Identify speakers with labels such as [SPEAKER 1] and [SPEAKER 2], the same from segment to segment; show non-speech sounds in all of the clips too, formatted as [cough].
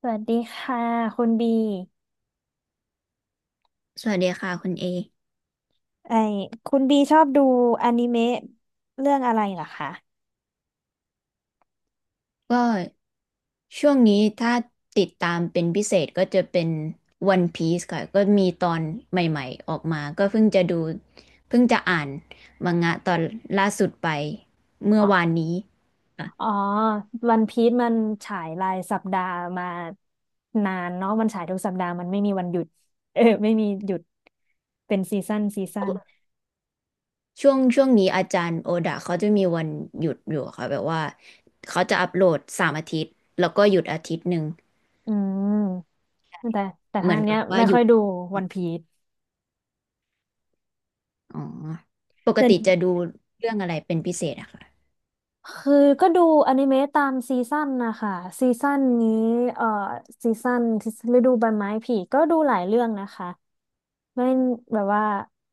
[SPEAKER 1] สวัสดีค่ะคุณบี
[SPEAKER 2] สวัสดีค่ะคุณเอ
[SPEAKER 1] ไอคุณบีชอบดูอนิเมะเรื่องอะไรเหรอคะ
[SPEAKER 2] ก็ช่วงนี้ถ้าติดตามเป็นพิเศษก็จะเป็น One Piece ค่ะก็มีตอนใหม่ๆออกมาก็เพิ่งจะดูเพิ่งจะอ่านมังงะตอนล่าสุดไปเมื่อ
[SPEAKER 1] อ๋อ
[SPEAKER 2] วานนี้ค่ะ
[SPEAKER 1] อ๋อวันพีซมันฉายรายสัปดาห์มานานเนาะมันฉายทุกสัปดาห์มันไม่มีวันหยุด [laughs] เออไม่มีหยุด เป็นซีซั่นซีซั่น
[SPEAKER 2] ช่วงช่วงนี้อาจารย์โอดะเขาจะมีวันหยุดอยู่ค่ะแบบว่าเขาจะอัปโหลด3 อาทิตย์แล้วก็หยุดอาทิตย์หนึ่ง
[SPEAKER 1] อืม แต่ แต่
[SPEAKER 2] เห
[SPEAKER 1] ทา
[SPEAKER 2] มือ
[SPEAKER 1] ง
[SPEAKER 2] น
[SPEAKER 1] เนี้
[SPEAKER 2] กั
[SPEAKER 1] ย
[SPEAKER 2] บว่า
[SPEAKER 1] ไม่
[SPEAKER 2] หยุ
[SPEAKER 1] ค่อ
[SPEAKER 2] ด
[SPEAKER 1] ยดูวันพีซ
[SPEAKER 2] อ๋อ ปกติจะดูเรื่องอะไรเป็นพิเศษอะค่ะ
[SPEAKER 1] คือก็ดูอนิเมะตามซีซั่นนะคะซีซั่นนี้เอ่อซีซั่นฤดูใบไม้ผลิก็ดูหลายเรื่องนะคะไม่แบบว่า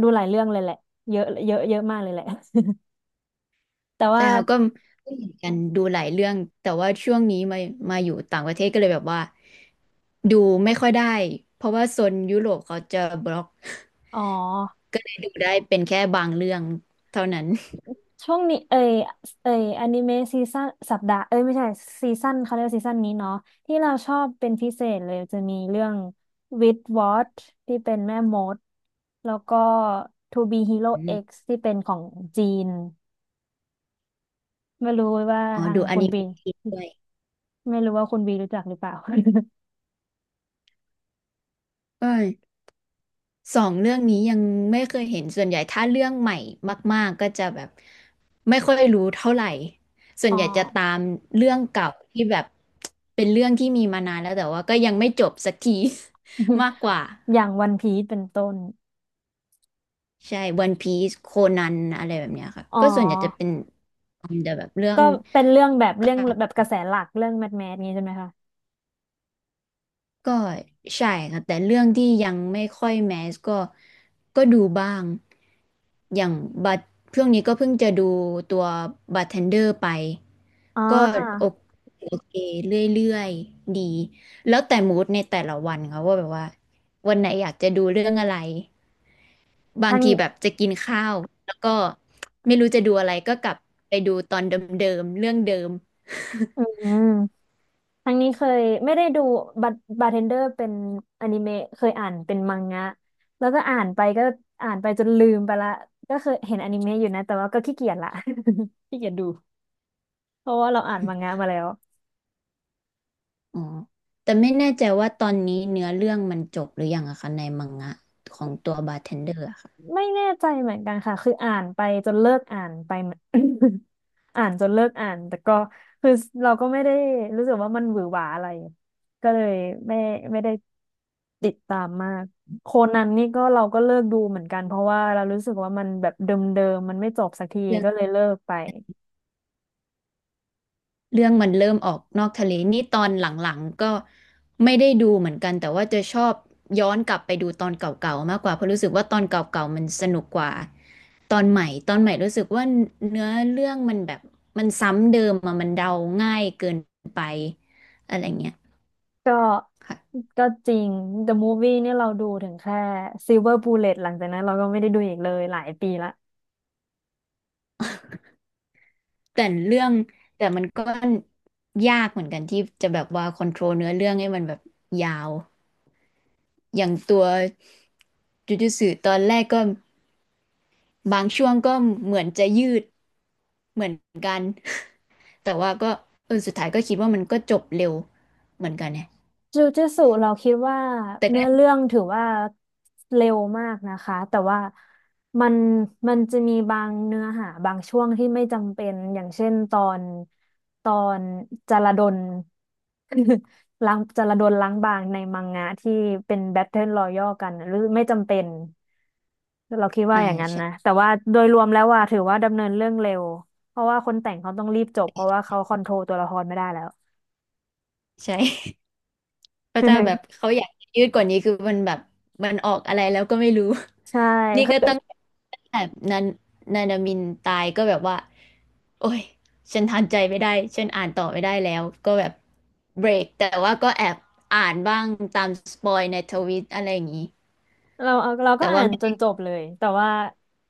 [SPEAKER 1] ดูหลายเรื่องเลยแหละเยอะเยอะเยอะมากเลยแหละ [laughs] แต่
[SPEAKER 2] ใช่
[SPEAKER 1] ว่า
[SPEAKER 2] ค่ะก็เหมือนกันดูหลายเรื่องแต่ว่าช่วงนี้มาอยู่ต่างประเทศก็เลยแบบว่าดูไม่ค่อยได้เพราะว่าโซนยุโรปเขาจะบล็อก
[SPEAKER 1] อ๋อ
[SPEAKER 2] ก็เลยดูได้เป็นแค่บางเรื่องเท่านั้น
[SPEAKER 1] ช่วงนี้เอยอนิเมะซีซั่นสัปดาห์เอ้ยไม่ใช่ซีซั่นเขาเรียกว่าซีซั่นนี้เนาะที่เราชอบเป็นพิเศษเลยจะมีเรื่อง With w a t ที่เป็นแม่มดแล้วก็ To Be Hero
[SPEAKER 2] อ
[SPEAKER 1] X
[SPEAKER 2] ม
[SPEAKER 1] ที่เป็นของจีน ไม่รู้ว่า
[SPEAKER 2] อ๋อ
[SPEAKER 1] ทาง
[SPEAKER 2] ดูอ
[SPEAKER 1] คุณ
[SPEAKER 2] นิ
[SPEAKER 1] บี
[SPEAKER 2] เมะด้วย
[SPEAKER 1] ไม่รู้ว่าคุณบีรู้จักหรือเปล่า
[SPEAKER 2] เออสองเรื่องนี้ยังไม่เคยเห็นส่วนใหญ่ถ้าเรื่องใหม่มากๆก็จะแบบไม่ค่อยรู้เท่าไหร่ส่
[SPEAKER 1] [laughs]
[SPEAKER 2] ว
[SPEAKER 1] อ๋
[SPEAKER 2] น
[SPEAKER 1] อ
[SPEAKER 2] ใหญ่จะตามเรื่องเก่าที่แบบเป็นเรื่องที่มีมานานแล้วแต่ว่าก็ยังไม่จบสักที [laughs] มากกว่า
[SPEAKER 1] [laughs] อย่างวันพีซเป็นต้น
[SPEAKER 2] ใช่ One Piece โคนันอะไรแบบเนี้ยค่ะ
[SPEAKER 1] อ๋อ
[SPEAKER 2] ก็ส่วนใหญ่จะเป็นแต่แบบเรื่อ
[SPEAKER 1] ก็
[SPEAKER 2] ง
[SPEAKER 1] เป็นเรื่องแบบเรื่องแบบกระแสหลักเรื่องแมสแมสนี้ใช่ไหมคะ
[SPEAKER 2] ก็ใช่ค่ะแต่เรื่องที่ยังไม่ค่อยแมสก็ก็ดูบ้าง อย่างบัตเรื่องนี้ก็เพิ่งจะดูตัวบัตเทนเดอร์ไป
[SPEAKER 1] อ๋
[SPEAKER 2] ก็โอ
[SPEAKER 1] อ
[SPEAKER 2] โอเคเรื่อยๆดี แล้วแต่มูดในแต่ละวันค่ะว่าแบบว่าวันไหนอยากจะดูเรื่องอะไร บา
[SPEAKER 1] ทา
[SPEAKER 2] ง
[SPEAKER 1] ง
[SPEAKER 2] ทีแบบจะกินข้าวแล้วก็ไม่รู้จะดูอะไรก็กลับไปดูตอนเดิมๆเรื่องเดิม
[SPEAKER 1] อื
[SPEAKER 2] [laughs]
[SPEAKER 1] มทางนี้เคยไม่ได้ดูบาบาร์เทนเดอร์เป็นอนิเมะเคยอ่านเป็นมังงะแล้วก็อ่านไปก็อ่านไปจนลืมไปละก็เคยเห็นอนิเมะอยู่นะแต่ว่าก็ขี้เกียจละ [laughs] ขี้เกียจดูเพราะว่าเราอ่านมังงะมาแล้ว
[SPEAKER 2] อ๋อแต่ไม่แน่ใจว่าตอนนี้เนื้อเรื่องมันจบหรือยังอะคะในมังงะของตัวบาร์เทนเดอร์อะค่ะ
[SPEAKER 1] ไม่แน่ใจเหมือนกันค่ะ คืออ่านไปจนเลิกอ่านไปเหมือน [coughs] [laughs] อ่านจนเลิกอ่านแต่ก็คือเราก็ไม่ได้รู้สึกว่ามันหวือหวาอะไรก็เลยไม่ไม่ได้ติดตามมากโคนันนี่ก็เราก็เลิกดูเหมือนกันเพราะว่าเรารู้สึกว่ามันแบบเดิมๆมันไม่จบสักทีก็เลยเลิกไป
[SPEAKER 2] เรื่องมันเริ่มออกนอกทะเลนี่ตอนหลังๆก็ไม่ได้ดูเหมือนกันแต่ว่าจะชอบย้อนกลับไปดูตอนเก่าๆมากกว่าเพราะรู้สึกว่าตอนเก่าๆมันสนุกกว่าตอนใหม่ตอนใหม่รู้สึกว่าเนื้อเรื่องมันแบบมันซ้ำเดิมอะมันเดาง่ายเกินไปอะไรเงี้ย
[SPEAKER 1] ก็
[SPEAKER 2] ค่ะ
[SPEAKER 1] ก็จริง The Movie เนี่ยเราดูถึงแค่ Silver Bullet หลังจากนั้นเราก็ไม่ได้ดูอีกเลยหลายปีละ
[SPEAKER 2] แต่เรื่องแต่มันก็ยากเหมือนกันที่จะแบบว่าคอนโทรลเนื้อเรื่องให้มันแบบยาวอย่างตัวจูจูตอนแรกก็บางช่วงก็เหมือนจะยืด เหมือนกันแต่ว่าก็เออสุดท้ายก็คิดว่ามันก็จบเร็วเหมือนกันเนี่ย
[SPEAKER 1] จูจ i ตสุเราคิดว่า
[SPEAKER 2] แต่ก็
[SPEAKER 1] เนื้อเรื่องถือว่าเร็วมากนะคะแต่ว่ามันมันจะมีบางเนื้อหาบางช่วงที่ไม่จำเป็นอย่างเช่นตอนตอนจารดล [laughs] ล้างจารดลล้างบางในมังงะที่เป็นแบทเทิลรอยัลกันน่ะหรือไม่จำเป็นเราคิดว่า
[SPEAKER 2] อ่า
[SPEAKER 1] อย่างนั้นนะ
[SPEAKER 2] ใช่
[SPEAKER 1] แต่ว่าโดยรวมแล้วว่าถือว่าดำเนินเรื่องเร็วเพราะว่าคนแต่งเขาต้องรีบจบเพราะว่าเขาคอนโทรลตัวละครไม่ได้แล้ว
[SPEAKER 2] ใช่ [laughs] พระเจ้าแบบเขาอยากยืดกว่านี้คือมันแบบมันออกอะไรแล้วก็ไม่รู้
[SPEAKER 1] [laughs]
[SPEAKER 2] [laughs]
[SPEAKER 1] ใช่
[SPEAKER 2] นี่ก็ตั้งแต่นันนานามินตายก็แบบว่าโอ้ยฉันทานใจไม่ได้ฉันอ่านต่อไม่ได้แล้วก็แบบเบรกแต่ว่าก็แอบอ่านบ้างตามสปอยในทวิตอะไรอย่างนี้
[SPEAKER 1] เราเอาเรา
[SPEAKER 2] แต่
[SPEAKER 1] ก็อ่า
[SPEAKER 2] ว่า
[SPEAKER 1] น
[SPEAKER 2] ไม่
[SPEAKER 1] จ
[SPEAKER 2] ได้
[SPEAKER 1] นจบเลยแต่ว่า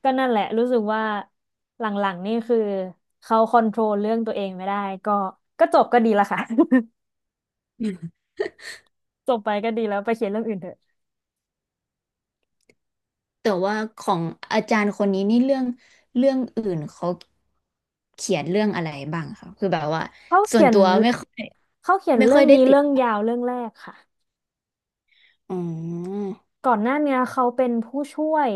[SPEAKER 1] ก็นั่นแหละรู้สึกว่าหลังๆนี่คือเขาคอนโทรลเรื่องตัวเองไม่ได้ก็จบก็ดีละค่ะ [laughs] จบไปก็ดีแล้วไปเขียนเรื่องอื่นเถอะ
[SPEAKER 2] แต่ว่าของอาจารย์คนนี้นี่เรื่องเรื่องอื่นเขาเขียนเรื่องอะไรบ้างคะคือแบบว่า
[SPEAKER 1] เขา
[SPEAKER 2] ส่
[SPEAKER 1] เขี
[SPEAKER 2] วน
[SPEAKER 1] ยน
[SPEAKER 2] ตัวไม่ค่อย
[SPEAKER 1] เขาเขียนเรื่อง
[SPEAKER 2] ได้
[SPEAKER 1] นี้
[SPEAKER 2] ติด
[SPEAKER 1] เรื่องยาวเรื่องแรกค่ะ
[SPEAKER 2] อืม
[SPEAKER 1] ก่อนหน้าเนี้ยเขาเป็นผู้ช่วย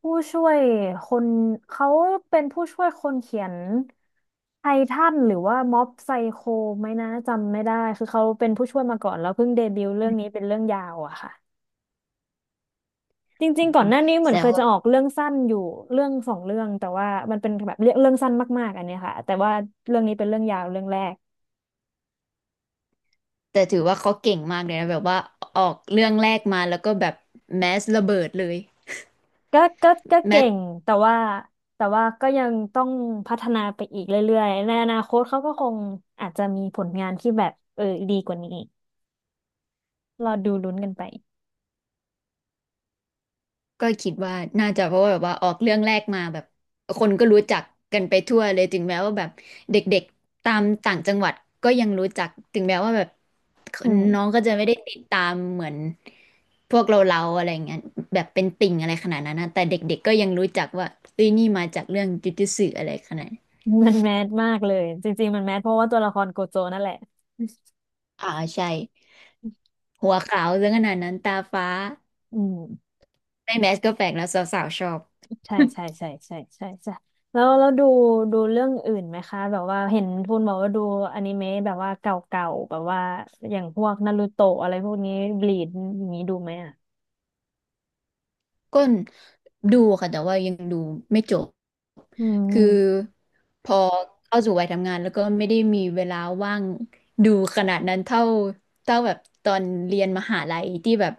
[SPEAKER 1] ผู้ช่วยคนเขาเป็นผู้ช่วยคนเขียนไททันหรือว่าม็อบไซโคไหมนะจำไม่ได้คือเขาเป็นผู้ช่วยมาก่อนแล้วเพิ่งเดบิวต์เรื่องนี้เป็นเรื่องยาวอะค่ะ จ
[SPEAKER 2] อื
[SPEAKER 1] ริง
[SPEAKER 2] ม
[SPEAKER 1] ๆก่อ
[SPEAKER 2] อื
[SPEAKER 1] น
[SPEAKER 2] ม
[SPEAKER 1] หน้านี้เหมือน
[SPEAKER 2] แต่
[SPEAKER 1] เคย
[SPEAKER 2] ว่า
[SPEAKER 1] จะออกเรื่องสั้นอยู่เรื่องสองเรื่องแต่ว่ามันเป็นแบบเรื่องเรื่องสั้นมากๆอันเนี้ยค่ะแต่ว่าเรื่องนี้เป็นเรื่องยาวเรื่องแรก
[SPEAKER 2] แต่ถือว่าเขาเก่งมากเลยนะแบบว่าออกเรื่องแรกมาแล้วก็แบบแมสระเบิดเลย
[SPEAKER 1] ก็
[SPEAKER 2] แม
[SPEAKER 1] เก่
[SPEAKER 2] ส
[SPEAKER 1] งแต่ว่าก็ยังต้องพัฒนาไปอีกเรื่อยๆในอนาคตเขาก็คงอาจจะมีผลงานที่แบบเออดีกว่านี้รอดูลุ้นกันไป
[SPEAKER 2] ก็คิดว่าน่าจะเพราะว่าแบบว่าออกเรื่องแรกมาแบบคนก็รู้จักกันไปทั่วเลยถึงแม้ว่าแบบเด็กๆตามต่างจังหวัดก็ยังรู้จักถึงแม้ว่าแบบ
[SPEAKER 1] อืม
[SPEAKER 2] น้องก็จะไม่ได้ติดตามเหมือนพวกเราอะไรเงี้ยแบบเป็นติ่งอะไรขนาดนั้นนะแต่เด็กๆก็ยังรู้จักว่าเอ้ยนี่มาจากเรื่องจ ujutsu อะไรขนาดนั้น
[SPEAKER 1] มันแมสมากเลยจริงๆมันแมสเพราะว่าตัวละครโกโจนั่นแหละ
[SPEAKER 2] อ่าใช่หัวขาวเรื่องขนาดนั้นตาฟ้า
[SPEAKER 1] อืม
[SPEAKER 2] ในแมสก็แปลกแล้วสาวๆชอบ
[SPEAKER 1] ใช่ใช่ใช่ใช่ใช่ใช่แล้วดูเรื่องอื่นไหมคะแบบว่าเห็นทูนบอกว่าดูอนิเมะแบบว่าเก่าๆแบบว่าอย่างพวกนารูโตะอะไรพวกนี้บลีดอย่างนี้ดูไหมอ่ะ
[SPEAKER 2] ก็ดูค่ะแต่ว่ายังดูไม่จบ
[SPEAKER 1] อื
[SPEAKER 2] คือ
[SPEAKER 1] ม
[SPEAKER 2] พอเข้าสู่วัยทำงานแล้วก็ไม่ได้มีเวลาว่างดูขนาดนั้นเท่าแบบตอนเรียนมหาลัยที่แบบ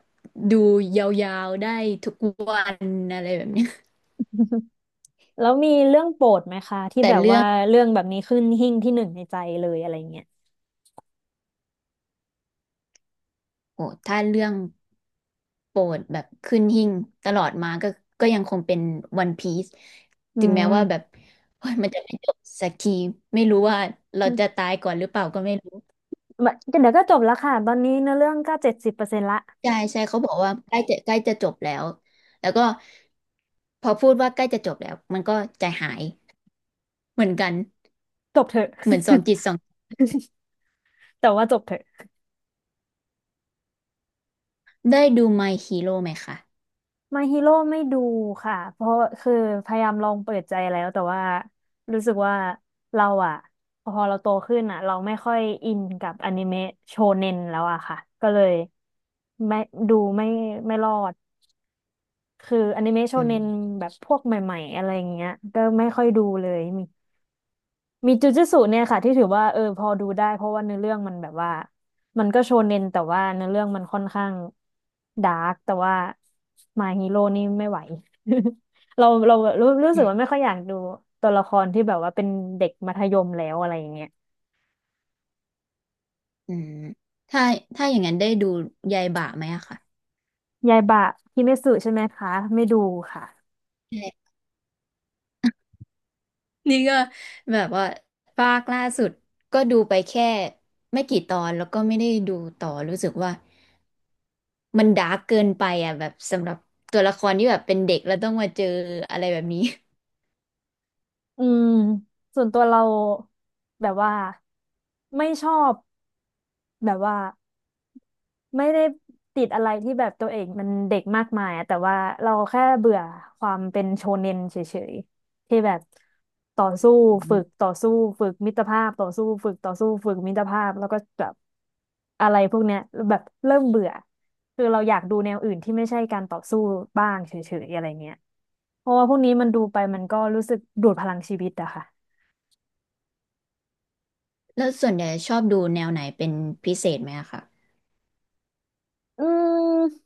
[SPEAKER 2] ดูยาวๆได้ทุกวันอะไรแบบเนี้ย
[SPEAKER 1] [laughs] แล้วมีเรื่องโปรดไหมคะ
[SPEAKER 2] [laughs]
[SPEAKER 1] ที่
[SPEAKER 2] แต่
[SPEAKER 1] แบบ
[SPEAKER 2] เรื่อ
[SPEAKER 1] ว่า
[SPEAKER 2] ง
[SPEAKER 1] เรื่องแบบนี้ขึ้นหิ้งที่หนึ่งในใจเลยอะไรเงี้ย
[SPEAKER 2] โอ้ถ้าเรื่องโปรดแบบขึ้นหิ้งตลอดมาก็ก็ยังคงเป็นวันพี e
[SPEAKER 1] อื
[SPEAKER 2] ถึงแม้
[SPEAKER 1] ม
[SPEAKER 2] ว่าแบบโอ้ยมันจะไม่จบสักทีไม่รู้ว่าเราจะตายก่อนหรือเปล่าก็ไม่รู้
[SPEAKER 1] แบบเดี๋ยวก็จบแล้วค่ะตอนนี้เนื้อเรื่องก็70%ละ
[SPEAKER 2] ใช่ใช่เขาบอกว่าใกล้จะจบแล้วแล้วก็พอพูดว่าใกล้จะจบแล้วมันก็ใจหายเหมือนกัน
[SPEAKER 1] จบเถอะ
[SPEAKER 2] เหมือนสองจิตสอง
[SPEAKER 1] [laughs] แต่ว่าจบเถอะ
[SPEAKER 2] ได้ดู My Hero ไหมคะ
[SPEAKER 1] ม y ฮ e โร่ไม่ดูค่ะเพราะคือพยายามลองเปิดใจแล้วแต่ว่ารู้สึกว่าเราอะพอเราโตขึ้นอะเราไม่ค่อยอินกับอนิเมะโชเน็นแล้วอะค่ะก็เลยไม่ดูไม่รอดคืออนิเมะโช
[SPEAKER 2] อื
[SPEAKER 1] เน็
[SPEAKER 2] ม
[SPEAKER 1] นแบบพวกใหม่ๆอะไรอย่างเงี้ยก็ไม่ค่อยดูเลย มีจูจูตรเนี่ยค่ะที่ถือว่าเออพอดูได้เพราะว่าเนื้อเรื่องมันแบบว่ามันก็โชเน็นแต่ว่าเนื้อเรื่องมันค่อนข้างดาร์กแต่ว่ามาฮีโร่นี่ไม่ไหว [laughs] เรารู้สึกว่าไม่ค่อยอยากดูตัวละครที่แบบว่าเป็นเด็กมัธยมแล้วอะไรอย่างเงี้ย
[SPEAKER 2] อืมถ้าอย่างนั้นได้ดูยายบ่าไหมอะค่ะ
[SPEAKER 1] ยายบะฮิเมสึใช่ไหมคะไม่ดูค่ะ
[SPEAKER 2] ใช่นี่ก็แบบว่าภาคล่าสุดก็ดูไปแค่ไม่กี่ตอนแล้วก็ไม่ได้ดูต่อรู้สึกว่ามันดาร์กเกินไปอะแบบสำหรับตัวละครที่แบบเป็นเด็กแล้วต้องมาเจออะไรแบบนี้
[SPEAKER 1] อืมส่วนตัวเราแบบว่าไม่ชอบแบบว่า ไม่ได้ติดอะไรที่แบบตัวเองมันเด็กมากมายอะแต่ว่าเราแค่เบื่อความเป็นโชเน็นเฉยๆที่แบบต่อสู้ฝึก
[SPEAKER 2] [laughs]
[SPEAKER 1] ต่อสู้ฝึกมิตรภาพต่อสู้ฝึกต่อสู้ฝึกมิตรภาพแล้วก็แบบอะไรพวกเนี้ยแบบเริ่มเบื่อคือเราอยากดูแนวอื่นที่ไม่ใช่การต่อสู้บ้างเฉยๆอะไรเงี้ยเพราะว่าพวกนี้มันดูไปมันก็รู้สึกดูดพลังชีวิตอะค่ะ
[SPEAKER 2] แล้วส่วนใหญ่ชอบดูแนวไหนเป็นพิเศษไหมอะคะ
[SPEAKER 1] อืม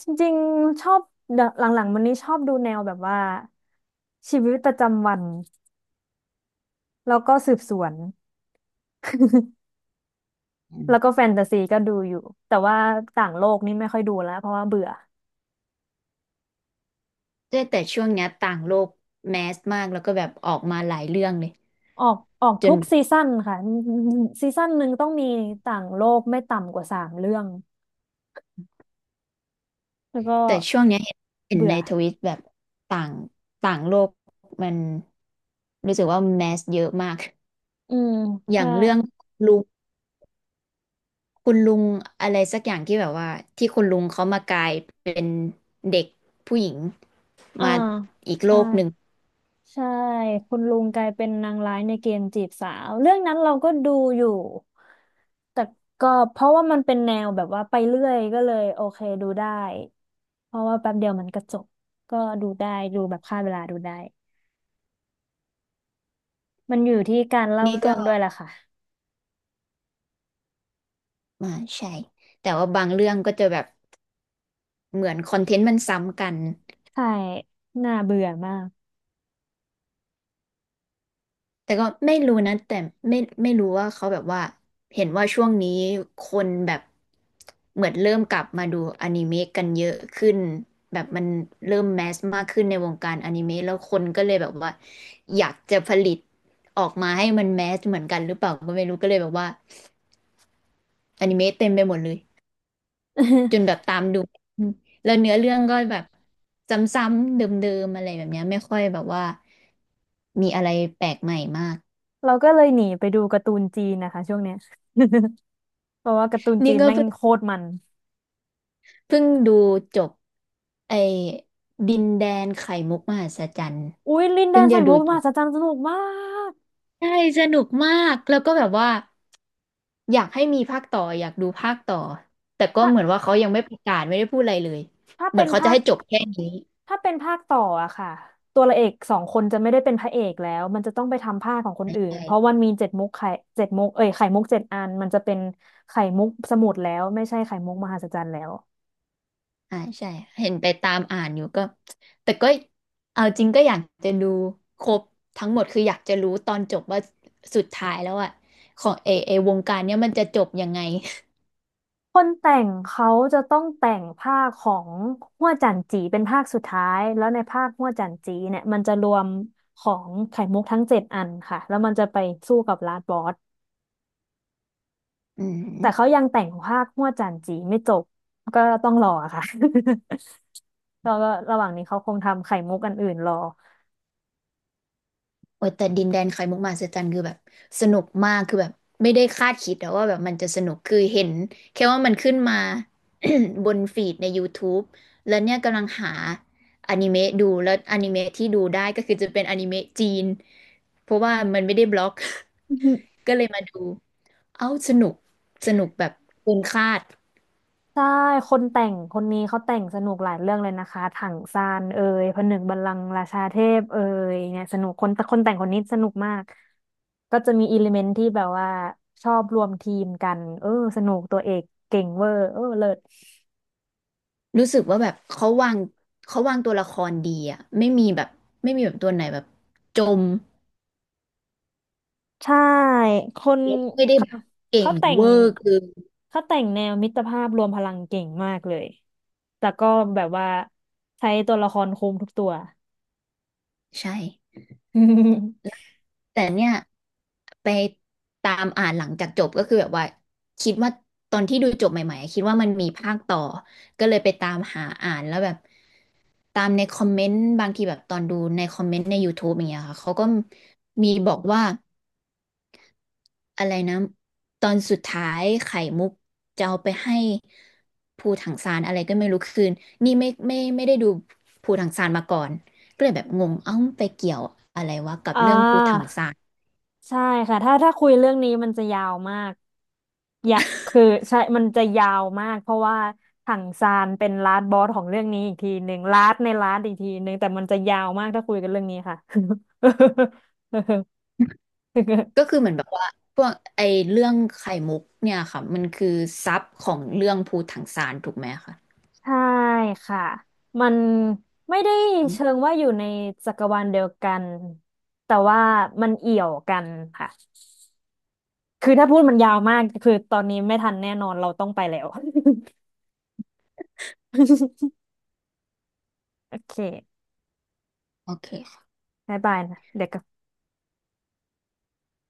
[SPEAKER 1] จริงๆชอบเดี๋ยวหลังๆวันนี้ชอบดูแนวแบบว่าชีวิตประจำวันแล้วก็สืบสวน
[SPEAKER 2] อืม
[SPEAKER 1] แล้วก็แฟนตาซีก็ดูอยู่แต่ว่าต่างโลกนี่ไม่ค่อยดูแล้วเพราะว่าเบื่อ
[SPEAKER 2] แต่ช่วงเนี้ยต่างโลกแมสมากแล้วก็แบบออกมาหลายเรื่องเลย
[SPEAKER 1] ออก
[SPEAKER 2] จ
[SPEAKER 1] ทุ
[SPEAKER 2] น
[SPEAKER 1] กซีซั่นค่ะซีซั่นหนึ่งต้องมีต่างโลกไม่ต่ำกว่าสามเรื่องแล้วก็
[SPEAKER 2] แต่ช่วงเนี้ยเห็น
[SPEAKER 1] เบื่
[SPEAKER 2] ใน
[SPEAKER 1] อ
[SPEAKER 2] ทวิตแบบต่างต่างโลกมันรู้สึกว่าแมสเยอะมาก
[SPEAKER 1] อืม
[SPEAKER 2] อย่า
[SPEAKER 1] ใช่
[SPEAKER 2] งเรื่องลุงคุณลุงอะไรสักอย่างที่แบบว่าที่คุณลุงเขามากลายเป็นเด็กผู้หญิง
[SPEAKER 1] อ่า
[SPEAKER 2] มาอีกโล
[SPEAKER 1] ใช่
[SPEAKER 2] กหนึ่ง
[SPEAKER 1] ใช่คุณลุงกลายเป็นนางร้ายในเกมจีบสาวเรื่องนั้นเราก็ดูอยู่แต่ก็เพราะว่ามันเป็นแนวแบบว่าไปเรื่อยก็เลยโอเคดูได้เพราะว่าแป๊บเดียวมันก็จบก็ดูได้ดูแบบฆ่าเวลาดูได้มันอยู่ที่การเล่า
[SPEAKER 2] นี่
[SPEAKER 1] เรื่
[SPEAKER 2] ก็
[SPEAKER 1] องด้วยล่ะค่ะ
[SPEAKER 2] มาใช่แต่ว่าบางเรื่องก็จะแบบ เหมือนคอนเทนต์มันซ้ำกัน
[SPEAKER 1] ใช่น่าเบื่อมาก
[SPEAKER 2] แต่ก็ไม่รู้นะ แต่ไม่ไม่รู้ว่าเขาแบบว่า เห็นว่าช่วงนี้คนแบบเหมือนเริ่มกลับมาดูอนิเมะกันเยอะขึ้น แบบมันเริ่มแมสมากขึ้นในวงการอนิเมะแล้วคนก็เลยแบบว่าอยากจะผลิตออกมาให้มันแมสเหมือนกันหรือเปล่าก็ไม่รู้ก็เลยแบบว่าอนิเมะเต็มไปหมดเลย จนแบบ
[SPEAKER 1] [laughs]
[SPEAKER 2] ตามดูอืมแล้วเนื้อเรื่องก็แบบซ้ำๆเดิมๆอะไรแบบเนี้ยไม่ค่อยแบบว่ามีอะไรแปลกใหม่มาก
[SPEAKER 1] เราก็เลยหนีไปดูการ์ตูนจีนนะคะช่วงเนี้ย [laughs] เพราะว่าการ์ตูนจี
[SPEAKER 2] นี่
[SPEAKER 1] น
[SPEAKER 2] ก็
[SPEAKER 1] แม่ง
[SPEAKER 2] เพิ่ง
[SPEAKER 1] โคตรมัน
[SPEAKER 2] เพิ่งดูจบไอ้ดินแดนไข่มุกมหัศจรรย์
[SPEAKER 1] อุ้ยลินแด
[SPEAKER 2] เพิ่ง
[SPEAKER 1] น
[SPEAKER 2] จะ
[SPEAKER 1] สาย
[SPEAKER 2] ดู
[SPEAKER 1] มุก
[SPEAKER 2] จ
[SPEAKER 1] มหั
[SPEAKER 2] บ
[SPEAKER 1] ศจรรย์สนุกมาก
[SPEAKER 2] ใช่สนุกมากแล้วก็แบบว่าอยากให้มีภาคต่ออยากดูภาคต่อแต่ก็
[SPEAKER 1] ถ้า
[SPEAKER 2] เหมือนว่าเขายังไม่ประกาศไม่ได้พูดอะไรเลย
[SPEAKER 1] ถ้า
[SPEAKER 2] เหมือ
[SPEAKER 1] เป็
[SPEAKER 2] น
[SPEAKER 1] น
[SPEAKER 2] เขาจะ
[SPEAKER 1] ภาค
[SPEAKER 2] ให้จบแค่นี้
[SPEAKER 1] ถ้าเป็นภาคต่ออะค่ะตัวละเอกสองคนจะไม่ได้เป็นพระเอกแล้วมันจะต้องไปทำภาคของคนอื่นเพราะ
[SPEAKER 2] ใช่
[SPEAKER 1] มันมีเจ็ดมุกไข่เจ็ดมุกเอ้ยไข่มุกเจ็ดอันมันจะเป็นไข่มุกสมุดแล้วไม่ใช่ไข่มุกมหัศจรรย์แล้ว
[SPEAKER 2] ใช่าใช่เห็นไปตามอ่านอยู่ก็แต่ก็เอาจริงก็อยากจะดูครบทั้งหมดคืออยากจะรู้ตอนจบว่าสุดท้ายแล้วอะของเอวงการเนี้ยมันจะจบยังไง
[SPEAKER 1] คนแต่งเขาจะต้องแต่งภาคของฮั่วจันจีเป็นภาคสุดท้ายแล้วในภาคฮั่วจันจีเนี่ยมันจะรวมของไข่มุกทั้งเจ็ดอันค่ะแล้วมันจะไปสู้กับลาดบอส
[SPEAKER 2] อื
[SPEAKER 1] แต่เขา
[SPEAKER 2] ม
[SPEAKER 1] ยังแต่งภาคฮั่วจันจีไม่จบก็ต้องรอค่ะ แล้วก็ระหว่างนี้เขาคงทำไข่มุกอันอื่นรอ
[SPEAKER 2] โอ้ยแต่ดินแดนไข่มุกมหัศจรรย์คือแบบสนุกมากคือแบบไม่ได้คาดคิดแต่ว่าแบบมันจะสนุกคือเห็นแค่ว่ามันขึ้นมา [coughs] บนฟีดในย o u ูบแล้วเนี่ยกำลังหาอนิเมะดูแล้วอนิเมะที่ดูได้ก็คือจะเป็นอนิเมะจีนเพราะว่ามันไม่ได้บล็อก
[SPEAKER 1] อือหือ
[SPEAKER 2] [laughs] ก็เลยมาดูเอ้าสนุกสนุกแบบเกินคาด
[SPEAKER 1] ใช่คนแต่งคนนี้เขาแต่งสนุกหลายเรื่องเลยนะคะถังซานเอ่ยผนึกบัลลังก์ราชาเทพเอ่ยเนี่ยสนุกคนแต่คนแต่งคนนี้สนุกมากก็จะมีอิเลเมนที่แบบว่าชอบรวมทีมกันเออสนุกตัวเอกเก่งเวอร์เออเลิศ
[SPEAKER 2] รู้สึกว่าแบบเขาวางตัวละครดีอะไม่มีแบบตัวไหนแบบจม
[SPEAKER 1] ใช่คน
[SPEAKER 2] แล้วก็ไม่ได้
[SPEAKER 1] เขา
[SPEAKER 2] แบบเก่
[SPEAKER 1] เขา
[SPEAKER 2] ง
[SPEAKER 1] แต่ง
[SPEAKER 2] เวอร์คือ
[SPEAKER 1] เขาแต่งแนวมิตรภาพรวมพลังเก่งมากเลยแต่ก็แบบว่าใช้ตัวละครคุมทุกตัว
[SPEAKER 2] ใช่
[SPEAKER 1] [laughs]
[SPEAKER 2] แต่เนี่ยไปตามอ่านหลังจากจบก็คือแบบว่าคิดว่าตอนที่ดูจบใหม่ๆอะคิดว่ามันมีภาคต่อ ก็เลยไปตามหาอ่านแล้วแบบตามในคอมเมนต์บางทีแบบตอนดูในคอมเมนต์ใน YouTube อย่างเงี้ยค่ะเขาก็มีบอกว่าอะไรนะตอนสุดท้ายไข่มุกจะเอาไปให้ภูถังซานอะไรก็ไม่รู้คืนนี่ไม่ได้ดูภูถังซานมาก่อนก็เลยแบบงงเอ้าไปเกี่ยวอะไรวะกับ
[SPEAKER 1] อ่
[SPEAKER 2] เรื่องภูถัง
[SPEAKER 1] า
[SPEAKER 2] ซาน
[SPEAKER 1] ใช่ค่ะถ้าคุยเรื่องนี้มันจะยาวมากอยากคือใช่มันจะยาวมากเพราะว่าถังซานเป็นลาสบอสของเรื่องนี้อีกทีหนึ่งลาสในลาสอีกทีหนึ่งแต่มันจะยาวมากถ้าคุยกันเรื่องนี้ค่ะ [laughs]
[SPEAKER 2] ก็คือเหมือนแบบว่าพวกไอเรื่องไข่มุกเนี่ยค่ะมันคือซับของเรื่องภูถังซานถูกไหมคะ
[SPEAKER 1] ใช่ค่ะมันไม่ได้
[SPEAKER 2] อื
[SPEAKER 1] เชิง
[SPEAKER 2] ม
[SPEAKER 1] ว่าอยู่ในจักรวาลเดียวกันแต่ว่ามันเอี่ยวกันค่ะคือถ้าพูดมันยาวมากคือตอนนี้ไม่ทันแน่นอนเราต้องไปแล้ว [laughs] โอเค
[SPEAKER 2] โอเค
[SPEAKER 1] บายบายนะเดี๋ยวกลับ